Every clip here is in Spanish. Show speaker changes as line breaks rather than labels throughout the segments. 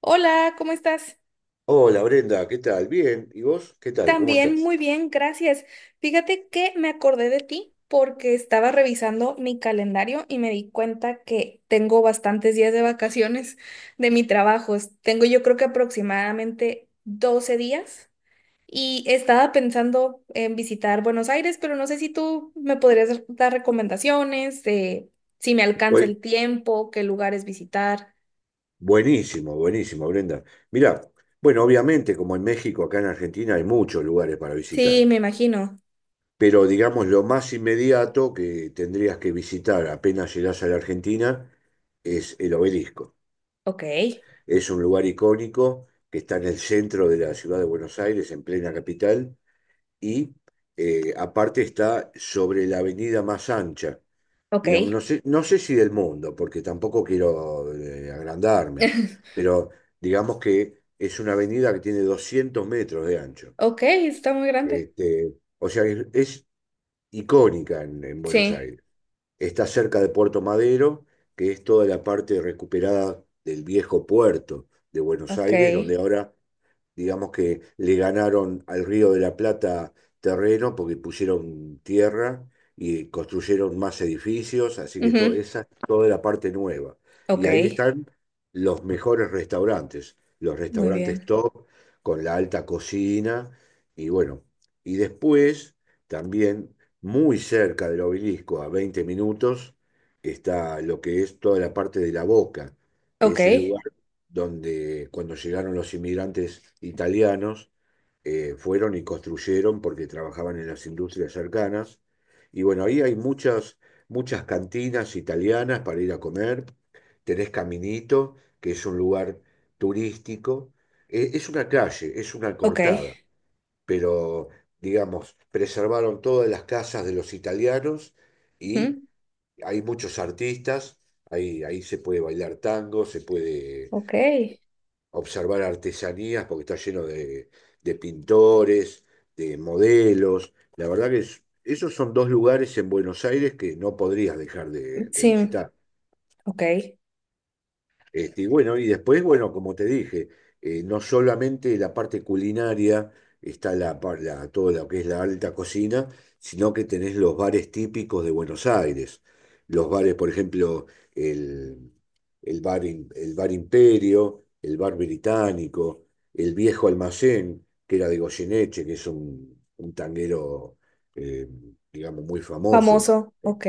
Hola, ¿cómo estás?
Hola Brenda, ¿qué tal? Bien, ¿y vos? ¿Qué tal? ¿Cómo
También
estás?
muy bien, gracias. Fíjate que me acordé de ti porque estaba revisando mi calendario y me di cuenta que tengo bastantes días de vacaciones de mi trabajo. Tengo yo creo que aproximadamente 12 días y estaba pensando en visitar Buenos Aires, pero no sé si tú me podrías dar recomendaciones de si me alcanza
Bu-
el tiempo, qué lugares visitar.
Buenísimo, buenísimo, Brenda. Mirá, bueno, obviamente como en México, acá en Argentina hay muchos lugares para
Sí,
visitar,
me imagino.
pero digamos lo más inmediato que tendrías que visitar apenas llegás a la Argentina es el Obelisco.
Ok,
Es un lugar icónico que está en el centro de la ciudad de Buenos Aires, en plena capital, y aparte está sobre la avenida más ancha. Digamos,
ok.
no sé si del mundo, porque tampoco quiero agrandarme, pero digamos que es una avenida que tiene 200 metros de ancho.
Ok, está muy grande.
Este, o sea, es icónica en Buenos
Sí,
Aires. Está cerca de Puerto Madero, que es toda la parte recuperada del viejo puerto de Buenos
ok.
Aires, donde ahora digamos que le ganaron al Río de la Plata terreno porque pusieron tierra y construyeron más edificios, así que todo,
Ujú,
esa es toda la parte nueva.
ok,
Y ahí están los mejores restaurantes, los
muy
restaurantes
bien.
top con la alta cocina y bueno, y después también muy cerca del obelisco, a 20 minutos, está lo que es toda la parte de la Boca, que
Ok,
es el lugar donde cuando llegaron los inmigrantes italianos, fueron y construyeron porque trabajaban en las industrias cercanas. Y bueno, ahí hay muchas, muchas cantinas italianas para ir a comer. Tenés Caminito, que es un lugar turístico. Es una calle, es una
ok,
cortada, pero digamos, preservaron todas las casas de los italianos y
ujú,
hay muchos artistas. Ahí se puede bailar tango, se puede
ok,
observar artesanías porque está lleno de, pintores, de modelos. La verdad que esos son dos lugares en Buenos Aires que no podrías dejar de
sí,
visitar.
ok.
Este, y bueno, y después, bueno, como te dije, no solamente la parte culinaria está todo lo que es la alta cocina, sino que tenés los bares típicos de Buenos Aires. Los bares, por ejemplo, el, el bar Imperio, el bar Británico, el Viejo Almacén, que era de Goyeneche, que es un tanguero, eh, digamos, muy famoso.
Famoso, ok.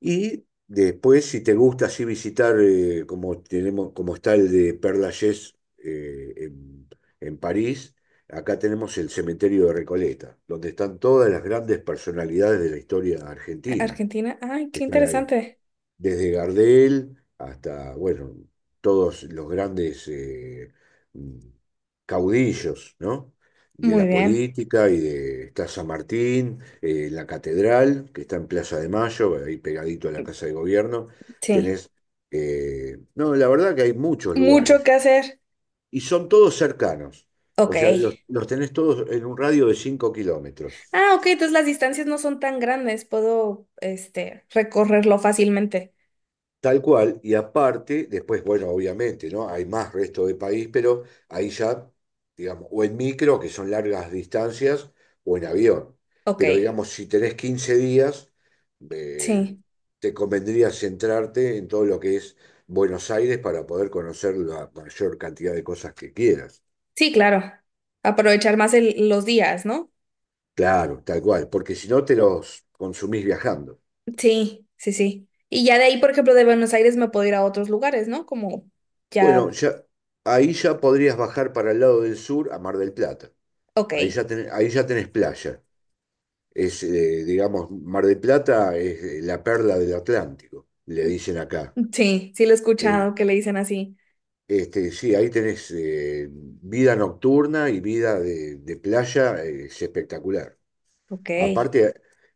Y después, si te gusta así visitar, como tenemos, como está el de Père Lachaise eh, en, en París, acá tenemos el cementerio de Recoleta, donde están todas las grandes personalidades de la historia argentina.
Argentina, ay, qué
Están ahí
interesante.
desde Gardel hasta, bueno, todos los grandes mm, caudillos, ¿no? De
Muy
la
bien,
política y de está San Martín, la catedral, que está en Plaza de Mayo, ahí pegadito a la Casa de Gobierno,
sí.
tenés, no, la verdad que hay muchos
Mucho que
lugares
hacer,
y son todos cercanos, o
ok.
sea, los tenés todos en un radio de 5 kilómetros.
Ah, ok, entonces las distancias no son tan grandes, puedo, este, recorrerlo fácilmente.
Tal cual, y aparte, después, bueno, obviamente, ¿no? Hay más resto de país, pero ahí ya, digamos, o en micro, que son largas distancias, o en avión.
Ok,
Pero digamos, si tenés 15 días, eh,
sí,
te convendría centrarte en todo lo que es Buenos Aires para poder conocer la mayor cantidad de cosas que quieras.
sí, claro. Aprovechar más los días, ¿no?
Claro, tal cual, porque si no te los consumís viajando.
Sí, sí, sí. Y ya de ahí, por ejemplo, de Buenos Aires me puedo ir a otros lugares, ¿no? Como
Bueno,
ya,
ya, ahí ya podrías bajar para el lado del sur a Mar del Plata.
ok.
Ahí ya tenés playa. Mar del Plata es la perla del Atlántico, le dicen acá.
Sí, sí lo he
Eh,
escuchado que le dicen así.
sí, ahí tenés vida nocturna y vida de playa, es espectacular.
Ok,
Aparte,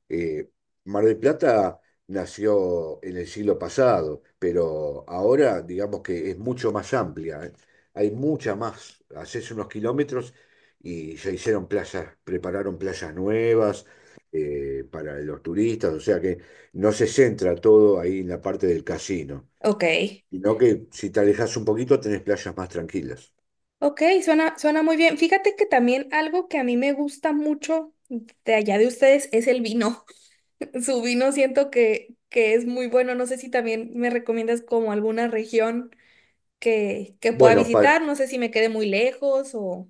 eh, Mar del Plata nació en el siglo pasado, pero ahora digamos que es mucho más amplia. ¿Eh? Hay mucha más. Haces unos kilómetros y se hicieron playas, prepararon playas nuevas para los turistas, o sea que no se centra todo ahí en la parte del casino,
ok,
sino que si te alejas un poquito tenés playas más tranquilas.
ok, suena, suena muy bien. Fíjate que también algo que a mí me gusta mucho de allá de ustedes es el vino. Su vino siento que es muy bueno. No sé si también me recomiendas como alguna región que pueda
Bueno,
visitar. No sé si me quede muy lejos o...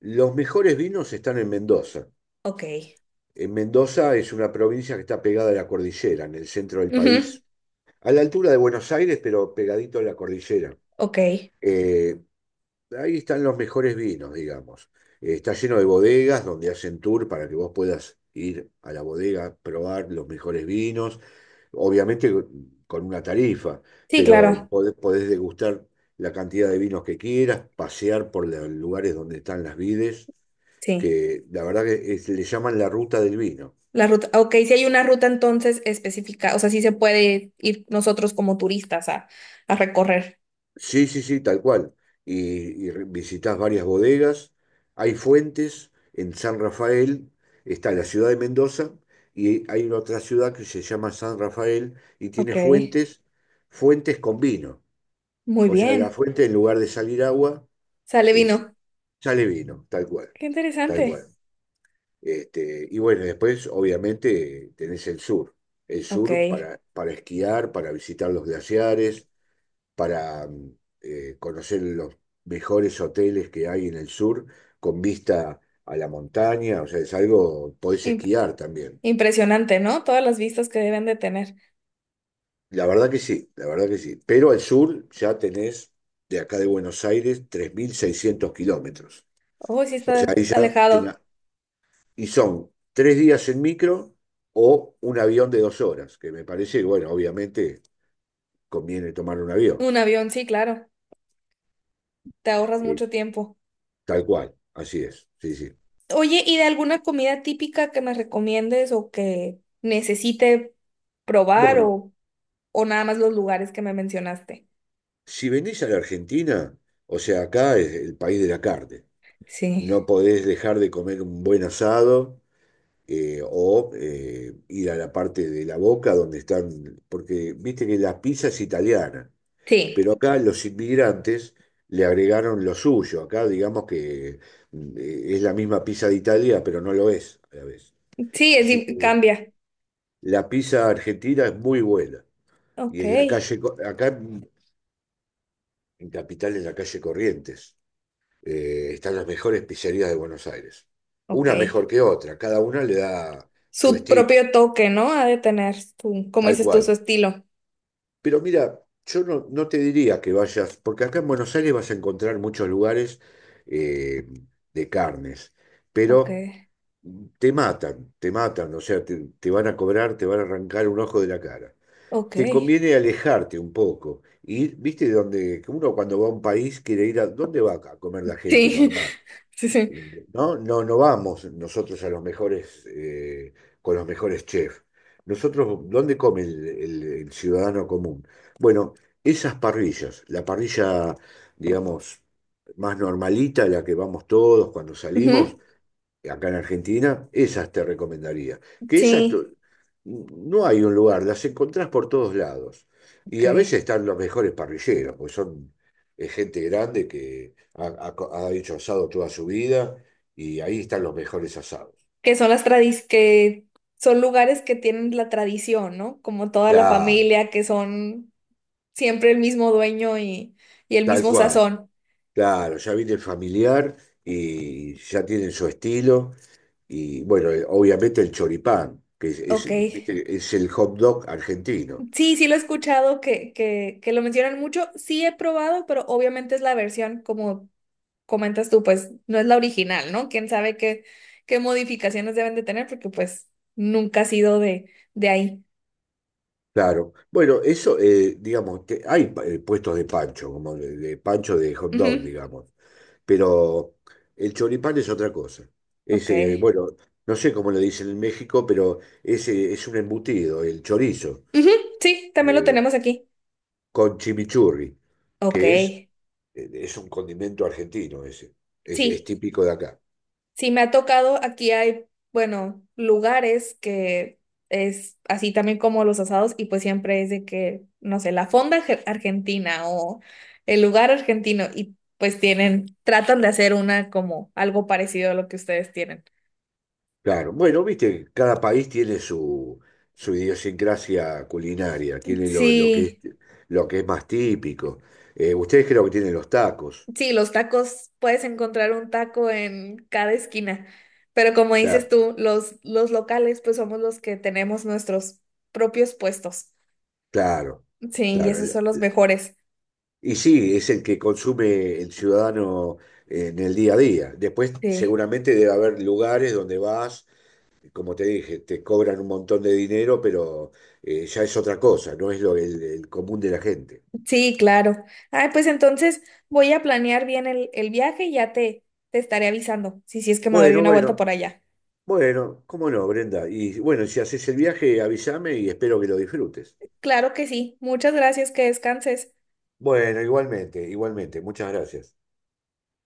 los mejores vinos están en Mendoza.
Ok.
Mendoza es una provincia que está pegada a la cordillera, en el centro del
Ujú,
país, a la altura de Buenos Aires, pero pegadito a la cordillera.
ok.
Eh, ahí están los mejores vinos, digamos. Está lleno de bodegas donde hacen tour para que vos puedas ir a la bodega, probar los mejores vinos, obviamente con una tarifa,
Sí,
pero sí,
claro.
podés degustar la cantidad de vinos que quieras, pasear por los lugares donde están las vides,
Sí.
que la verdad que le llaman la ruta del vino.
La ruta, ok, si hay una ruta entonces específica, o sea, sí se puede ir nosotros como turistas a recorrer.
Sí, sí, sí, tal cual. Visitás varias bodegas. Hay fuentes en San Rafael, está la ciudad de Mendoza y hay una otra ciudad que se llama San Rafael y
Ok,
tiene fuentes, fuentes con vino.
muy
O sea, de la
bien.
fuente en lugar de salir agua,
Sale
el-
vino.
sale vino, tal cual,
Qué
tal
interesante.
cual. Este, y bueno, después obviamente tenés el sur. El
Ok,
sur para esquiar, para visitar los glaciares para conocer los mejores hoteles que hay en el sur con vista a la montaña, o sea, es algo, podés
Imp-
esquiar también.
impresionante, ¿no? Todas las vistas que deben de tener.
La verdad que sí, la verdad que sí. Pero al sur ya tenés de acá de Buenos Aires 3.600 kilómetros.
Oh, sí
O sea,
está
ahí ya,
alejado.
y son 3 días en micro o un avión de 2 horas, que me parece, bueno, obviamente conviene tomar un avión.
Un avión, sí, claro. Te ahorras
Eh,
mucho tiempo.
tal cual, así es, sí, sí.
Oye, ¿y de alguna comida típica que me recomiendes o que necesite probar
Bueno,
o nada más los lugares que me mencionaste?
si venís a la Argentina, o sea, acá es el país de la carne.
Sí.
No podés dejar de comer un buen asado o ir a la parte de la Boca donde están, porque viste que la pizza es italiana,
Sí.
pero acá los inmigrantes le agregaron lo suyo. Acá digamos que es la misma pizza de Italia, pero no lo es a la vez.
Sí, es
Así que
cambia.
la pizza argentina es muy buena. Y
Ok,
en la calle, acá en Capital, en la calle Corrientes. Están las mejores pizzerías de Buenos Aires.
ok.
Una mejor que otra, cada una le da su
Su
estilo,
propio toque, ¿no? Ha de tener su, como
tal
dices tú, su
cual.
estilo.
Pero mira, yo no, no te diría que vayas, porque acá en Buenos Aires vas a encontrar muchos lugares eh, de carnes,
Ok,
pero te matan, o sea, te van a cobrar, te van a arrancar un ojo de la cara.
ok.
Te
Sí,
conviene alejarte un poco. Y viste donde que uno cuando va a un país quiere ir a, ¿dónde va acá a comer la gente
sí,
normal?
sí.
No, no, no vamos nosotros a los mejores, con los mejores chefs. Nosotros, ¿dónde come el, el ciudadano común? Bueno, esas parrillas, la parrilla, digamos, más normalita, la que vamos todos cuando salimos,
Ujú,
acá en Argentina, esas te recomendaría. Que esas
sí,
tu- no hay un lugar, las encontrás por todos lados. Y a veces
ok.
están los mejores parrilleros, porque son gente grande que ha, ha hecho asado toda su vida y ahí están los mejores asados.
Que son las tradis, que son lugares que tienen la tradición, ¿no? Como toda la
Claro,
familia, que son siempre el mismo dueño y el
tal
mismo
cual.
sazón.
Claro, ya viene familiar y ya tienen su estilo. Y bueno, obviamente el choripán, que
Ok.
viste, es el hot dog argentino.
Sí, sí lo he escuchado que lo mencionan mucho. Sí he probado, pero obviamente es la versión como comentas tú, pues no es la original, ¿no? ¿Quién sabe qué, qué modificaciones deben de tener? Porque pues nunca ha sido de ahí.
Claro. Bueno, eso, digamos, que hay puestos de pancho, como de, pancho de hot dog,
Ujú,
digamos. Pero el choripán es otra cosa.
ok.
Bueno, no sé cómo le dicen en México, pero es un embutido, el chorizo,
Ujú, sí, también lo
eh,
tenemos aquí.
con chimichurri,
Ok.
que es un condimento argentino ese. Es
Sí,
típico de acá.
sí, me ha tocado, aquí hay, bueno, lugares que es así también como los asados y pues siempre es de que, no sé, la fonda argentina o el lugar argentino y pues tienen, tratan de hacer una como algo parecido a lo que ustedes tienen.
Claro, bueno, viste, cada país tiene su, idiosincrasia culinaria, tiene lo que es,
Sí.
lo que es más típico. Ustedes creo que tienen los tacos.
Sí, los tacos, puedes encontrar un taco en cada esquina, pero como dices
La-
tú, los locales pues somos los que tenemos nuestros propios puestos.
claro,
Sí, y
claro.
esos son los mejores.
Y sí, es el que consume el ciudadano en el día a día. Después
Sí,
seguramente debe haber lugares donde vas, como te dije, te cobran un montón de dinero, pero ya es otra cosa, no es lo, el común de la gente.
sí, claro. Ay, pues entonces voy a planear bien el viaje y ya te estaré avisando si, si es que me doy
Bueno,
una vuelta por
bueno.
allá.
Bueno, cómo no, Brenda. Y bueno, si haces el viaje, avísame y espero que lo disfrutes.
Claro que sí. Muchas gracias, que descanses.
Bueno, igualmente, igualmente. Muchas gracias.